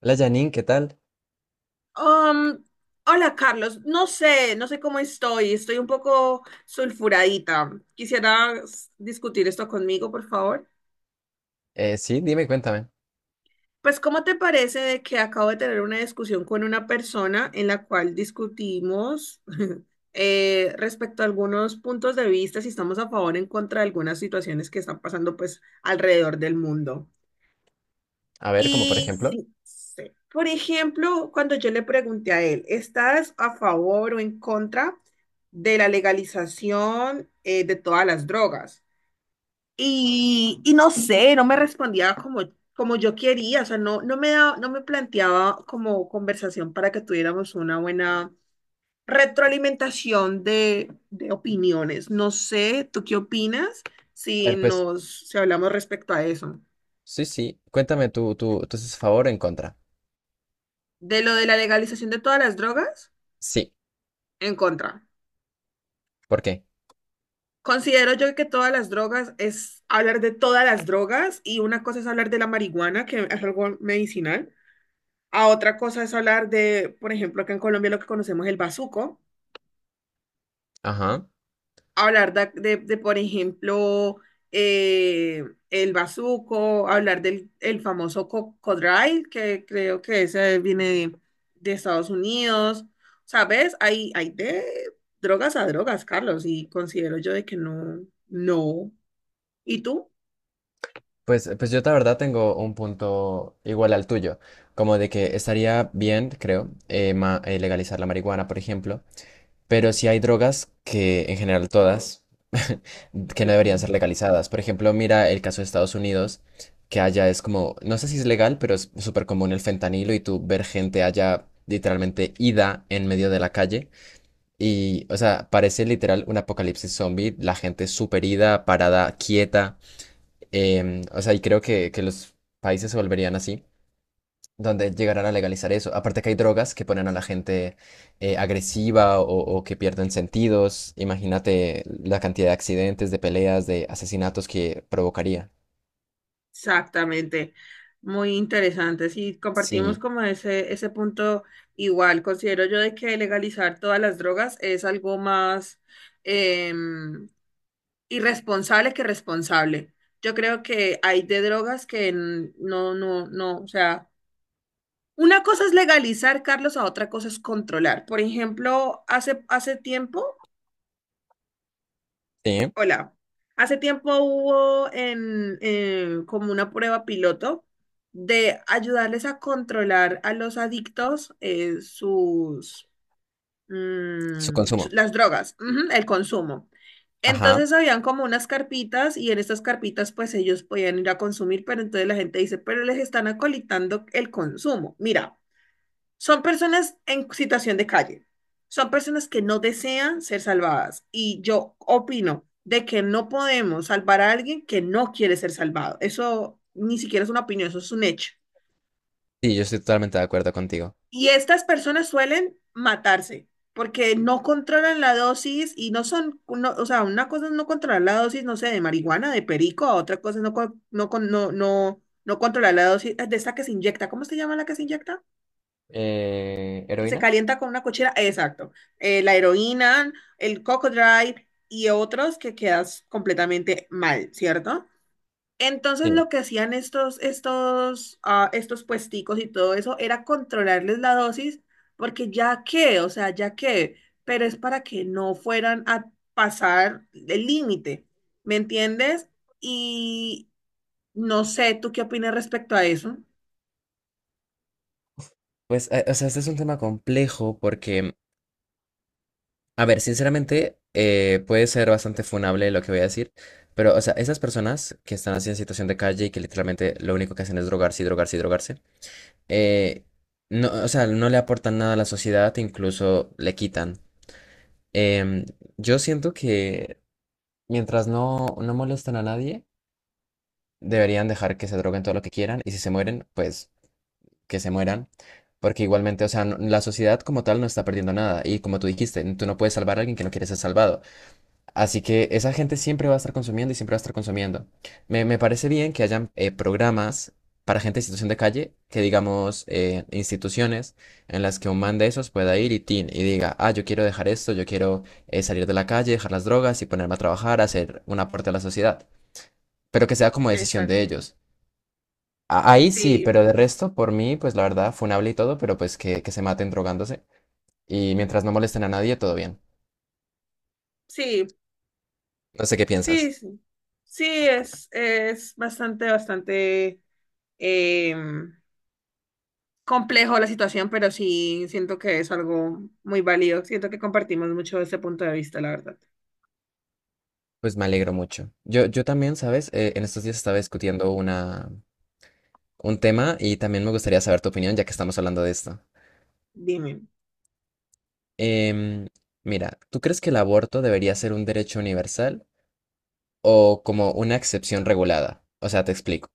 Hola Janine, ¿qué tal? Um, Hola Carlos, no sé cómo estoy, estoy un poco sulfuradita. ¿Quisieras discutir esto conmigo, por favor? Sí, dime, cuéntame. Pues, ¿cómo te parece de que acabo de tener una discusión con una persona en la cual discutimos respecto a algunos puntos de vista, si estamos a favor o en contra de algunas situaciones que están pasando pues alrededor del mundo? A ver, ¿como por ejemplo? Y, sí, por ejemplo, cuando yo le pregunté a él, ¿estás a favor o en contra de la legalización de todas las drogas? Y no sé, no me respondía como, como yo quería, o sea, no me planteaba como conversación para que tuviéramos una buena retroalimentación de opiniones. No sé, ¿tú qué opinas A si ver, pues, nos, si hablamos respecto a eso? sí, sí, cuéntame Tú, estás favor o en contra. ¿De lo de la legalización de todas las drogas? Sí, En contra. ¿por qué? Considero yo que todas las drogas es hablar de todas las drogas y una cosa es hablar de la marihuana, que es algo medicinal, a otra cosa es hablar de, por ejemplo, acá en Colombia lo que conocemos el bazuco, Ajá. hablar de, por ejemplo, eh, el bazuco, hablar del el famoso codral, que creo que ese viene de Estados Unidos. ¿Sabes? Hay de drogas a drogas, Carlos, y considero yo de que no, no. ¿Y tú? Pues, yo la verdad tengo un punto igual al tuyo, como de que estaría bien, creo, legalizar la marihuana, por ejemplo. Pero sí hay drogas que, en general todas, que no deberían Ujú. ser legalizadas. Por ejemplo, mira el caso de Estados Unidos, que allá es como, no sé si es legal, pero es súper común el fentanilo y tú ver gente allá literalmente ida en medio de la calle. Y, o sea, parece literal un apocalipsis zombie, la gente súper ida, parada, quieta. O sea, y creo que los países se volverían así donde llegarán a legalizar eso. Aparte que hay drogas que ponen a la gente agresiva o que pierden sentidos. Imagínate la cantidad de accidentes, de peleas, de asesinatos que provocaría. Exactamente. Muy interesante. Sí, compartimos Sí, como ese punto igual. Considero yo de que legalizar todas las drogas es algo más em, irresponsable que responsable. Yo creo que hay de drogas que no, o sea, una cosa es legalizar, Carlos, a otra cosa es controlar. Por ejemplo, hace tiempo sí, Hola, hace tiempo hubo en, como una prueba piloto de ayudarles a controlar a los adictos sus, su consumo. las drogas, ujú, el consumo. Ajá, Entonces habían como unas carpitas y en estas carpitas pues ellos podían ir a consumir, pero entonces la gente dice, pero les están acolitando el consumo. Mira. Son personas en situación de calle. Son personas que no desean ser salvadas. Y yo opino de que no podemos salvar a alguien que no quiere ser salvado. Eso ni siquiera es una opinión, eso es un hecho. sí, yo estoy totalmente de acuerdo contigo. Y estas personas suelen matarse porque no controlan la dosis y no son, no- o sea, una cosa es no controlar la dosis, no sé, de marihuana, de perico, a otra cosa es no controlar la dosis de esta que se inyecta. ¿Cómo se llama la que se inyecta? Se ¿Heroína? calienta con una cochera, exacto. La heroína, el coco drive y otros que quedas completamente mal, ¿cierto? Entonces Sí. lo que hacían estos puesticos y todo eso era controlarles la dosis, porque ya que, o sea, ya que, pero es para que no fueran a pasar el límite, ¿me entiendes? Y no sé, ¿tú qué opinas respecto a eso? Pues, o sea, este es un tema complejo porque, a ver, sinceramente, puede ser bastante funable lo que voy a decir, pero, o sea, esas personas que están así en situación de calle y que literalmente lo único que hacen es drogarse y drogarse y drogarse, eh, no, o sea, no le aportan nada a la sociedad, incluso le quitan. Em, yo siento que mientras no, no molestan a nadie, deberían dejar que se droguen todo lo que quieran y si se mueren, pues que se mueran. Porque igualmente, o sea, la sociedad como tal no está perdiendo nada. Y como tú dijiste, tú no puedes salvar a alguien que no quiere ser salvado. Así que esa gente siempre va a estar consumiendo y siempre va a estar consumiendo. Me parece bien que hayan programas para gente en situación de calle, que digamos instituciones en las que un man de esos pueda ir y, tin, y diga, ah, yo quiero dejar esto, yo quiero salir de la calle, dejar las drogas y ponerme a trabajar, hacer un aporte a la sociedad, pero que sea como decisión de Exacto. ellos. Ahí sí, Sí, pero de resto, por mí, pues la verdad, funable y todo, pero pues que se maten drogándose y mientras no molesten a nadie, todo bien. sí. No sé qué Sí, piensas. sí, sí, es bastante, bastante eh, complejo la situación, pero sí siento que es algo muy válido. Siento que compartimos mucho ese punto de vista, la verdad. Pues me alegro mucho. Yo también, ¿sabes? En estos días estaba discutiendo un tema y también me gustaría saber tu opinión ya que estamos hablando de esto. Dime, Em, Mira, ¿tú crees que el aborto debería ser un derecho universal o como una excepción regulada? O sea, te explico.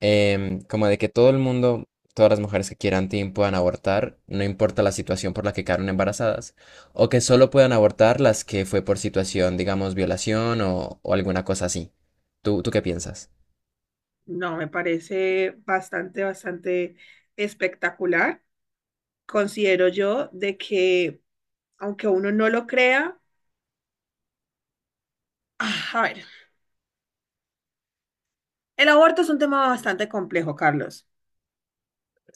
Como de que todo el mundo, todas las mujeres que quieran puedan abortar, no importa la situación por la que quedaron embarazadas, o que solo puedan abortar las que fue por situación, digamos, violación o alguna cosa así. ¿Tú qué piensas? no, me parece bastante, bastante espectacular. Considero yo de que, aunque uno no lo crea, ah, a ver, el aborto es un tema bastante complejo, Carlos.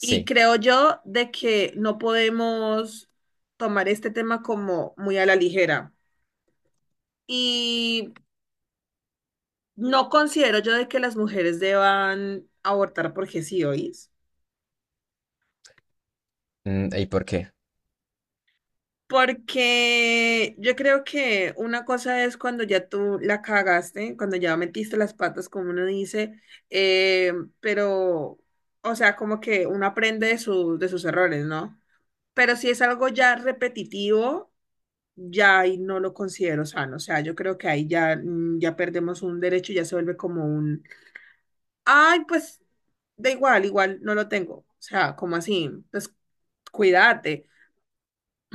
Y creo yo de que no podemos tomar este tema como muy a la ligera. Y no considero yo de que las mujeres deban abortar porque sí, ¿oís? ¿Y por qué? Porque yo creo que una cosa es cuando ya tú la cagaste, cuando ya metiste las patas, como uno dice, eh, pero, o sea, como que uno aprende de sus errores, ¿no? Pero si es algo ya repetitivo ya ahí no lo considero sano. O sea, yo creo que ahí ya, ya perdemos un derecho, ya se vuelve como un, ay, pues da igual, igual no lo tengo. O sea, como así, pues cuídate.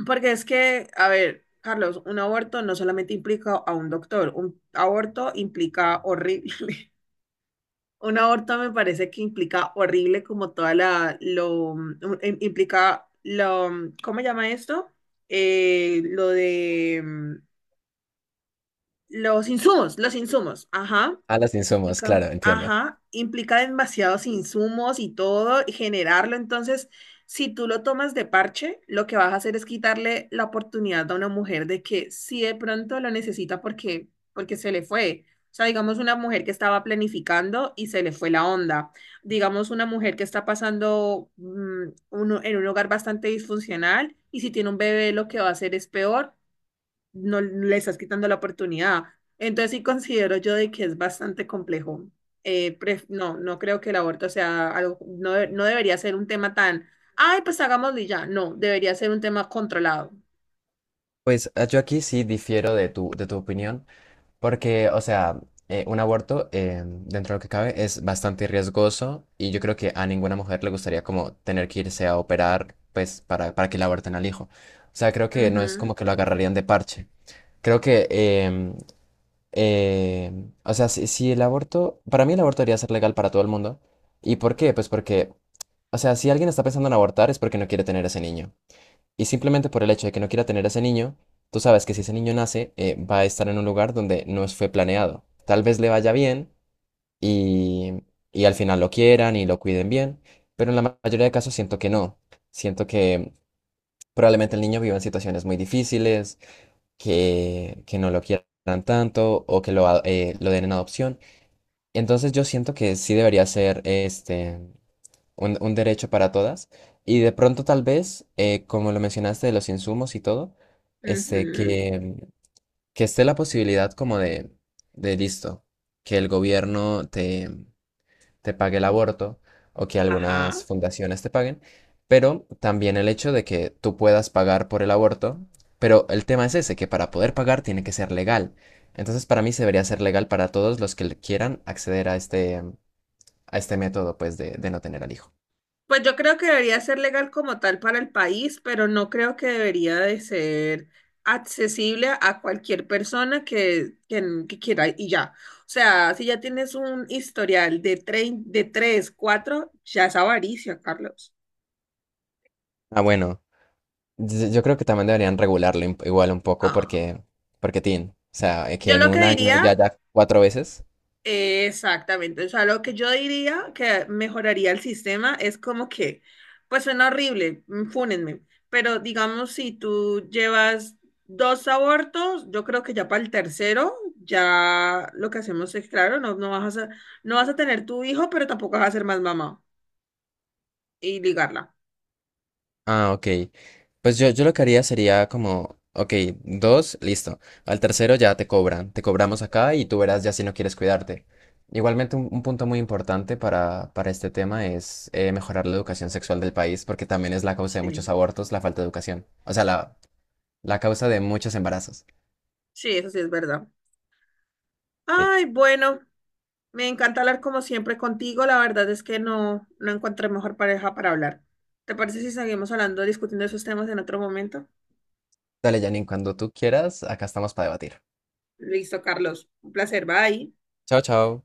Porque es que, a ver, Carlos, un aborto no solamente implica a un doctor, un aborto implica horrible. Un aborto me parece que implica horrible como toda la, implica lo, ¿cómo llama esto? Eh, lo de mm, los insumos, ajá, A las insumos, Chica. claro, entiendo. Ajá, implica demasiados insumos y todo, y generarlo. Entonces, si tú lo tomas de parche, lo que vas a hacer es quitarle la oportunidad a una mujer de que si de pronto lo necesita porque se le fue. O sea, digamos una mujer que estaba planificando y se le fue la onda. Digamos una mujer que está pasando en un hogar bastante disfuncional y si tiene un bebé lo que va a hacer es peor no le estás quitando la oportunidad. Entonces sí considero yo de que es bastante complejo. No, no creo que el aborto sea algo, no debería ser un tema tan, ay, pues hagámoslo y ya. No, debería ser un tema controlado. Pues yo aquí sí difiero de tu opinión, porque, o sea, un aborto, dentro de lo que cabe, es bastante riesgoso y yo creo que a ninguna mujer le gustaría como tener que irse a operar, pues, para que le aborten al hijo. O sea, creo que no es Ujú, como que lo agarrarían de parche. Creo que, o sea, si el aborto, para mí el aborto debería ser legal para todo el mundo. ¿Y por qué? Pues porque, o sea, si alguien está pensando en abortar es porque no quiere tener ese niño. Y simplemente por el hecho de que no quiera tener a ese niño, tú sabes que si ese niño nace, va a estar en un lugar donde no fue planeado. Tal vez le vaya bien y, y al final lo quieran y lo cuiden bien, pero en la mayoría de casos siento que no. Siento que probablemente el niño viva en situaciones muy difíciles, que no lo quieran tanto o que lo den en adopción. Entonces yo siento que sí debería ser este un derecho para todas. Y de pronto tal vez, como lo mencionaste de los insumos y todo, este, ujú, que esté la posibilidad como de listo, que el gobierno te, te pague el aborto o que Ajá. algunas fundaciones te paguen, pero también el hecho de que tú puedas pagar por el aborto, pero el tema es ese, que para poder pagar tiene que ser legal. Entonces para mí se debería ser legal para todos los que quieran acceder a este método pues de no tener al hijo. Pues yo creo que debería ser legal como tal para el país, pero no creo que debería de ser accesible a cualquier persona que quiera y ya. O sea, si ya tienes un historial de 3, 4, ya es avaricia, Carlos. Ah, bueno. Yo creo que también deberían regularlo igual un poco Ah. porque, porque o sea, que Yo en lo que un año diría. ya cuatro veces. Exactamente, o sea, lo que yo diría que mejoraría el sistema es como que, pues suena horrible, fúnenme, pero digamos si tú llevas dos abortos, yo creo que ya para el tercero, ya lo que hacemos es, claro, no vas a tener tu hijo, pero tampoco vas a ser más mamá y ligarla. Ah, ok. Pues yo lo que haría sería como, ok, dos, listo. Al tercero ya te cobran, te cobramos acá y tú verás ya si no quieres cuidarte. Igualmente un punto muy importante para este tema es mejorar la educación sexual del país porque también es la causa de muchos Sí, abortos, la falta de educación. O sea, la causa de muchos embarazos. sí, eso sí es verdad. Sí. Ay, bueno, me encanta hablar como siempre contigo. La verdad es que no, no encontré mejor pareja para hablar. ¿Te parece si seguimos hablando, discutiendo esos temas en otro momento? Dale, Janine, cuando tú quieras, acá estamos para debatir. Listo, Carlos. Un placer. Bye. Chao, chao.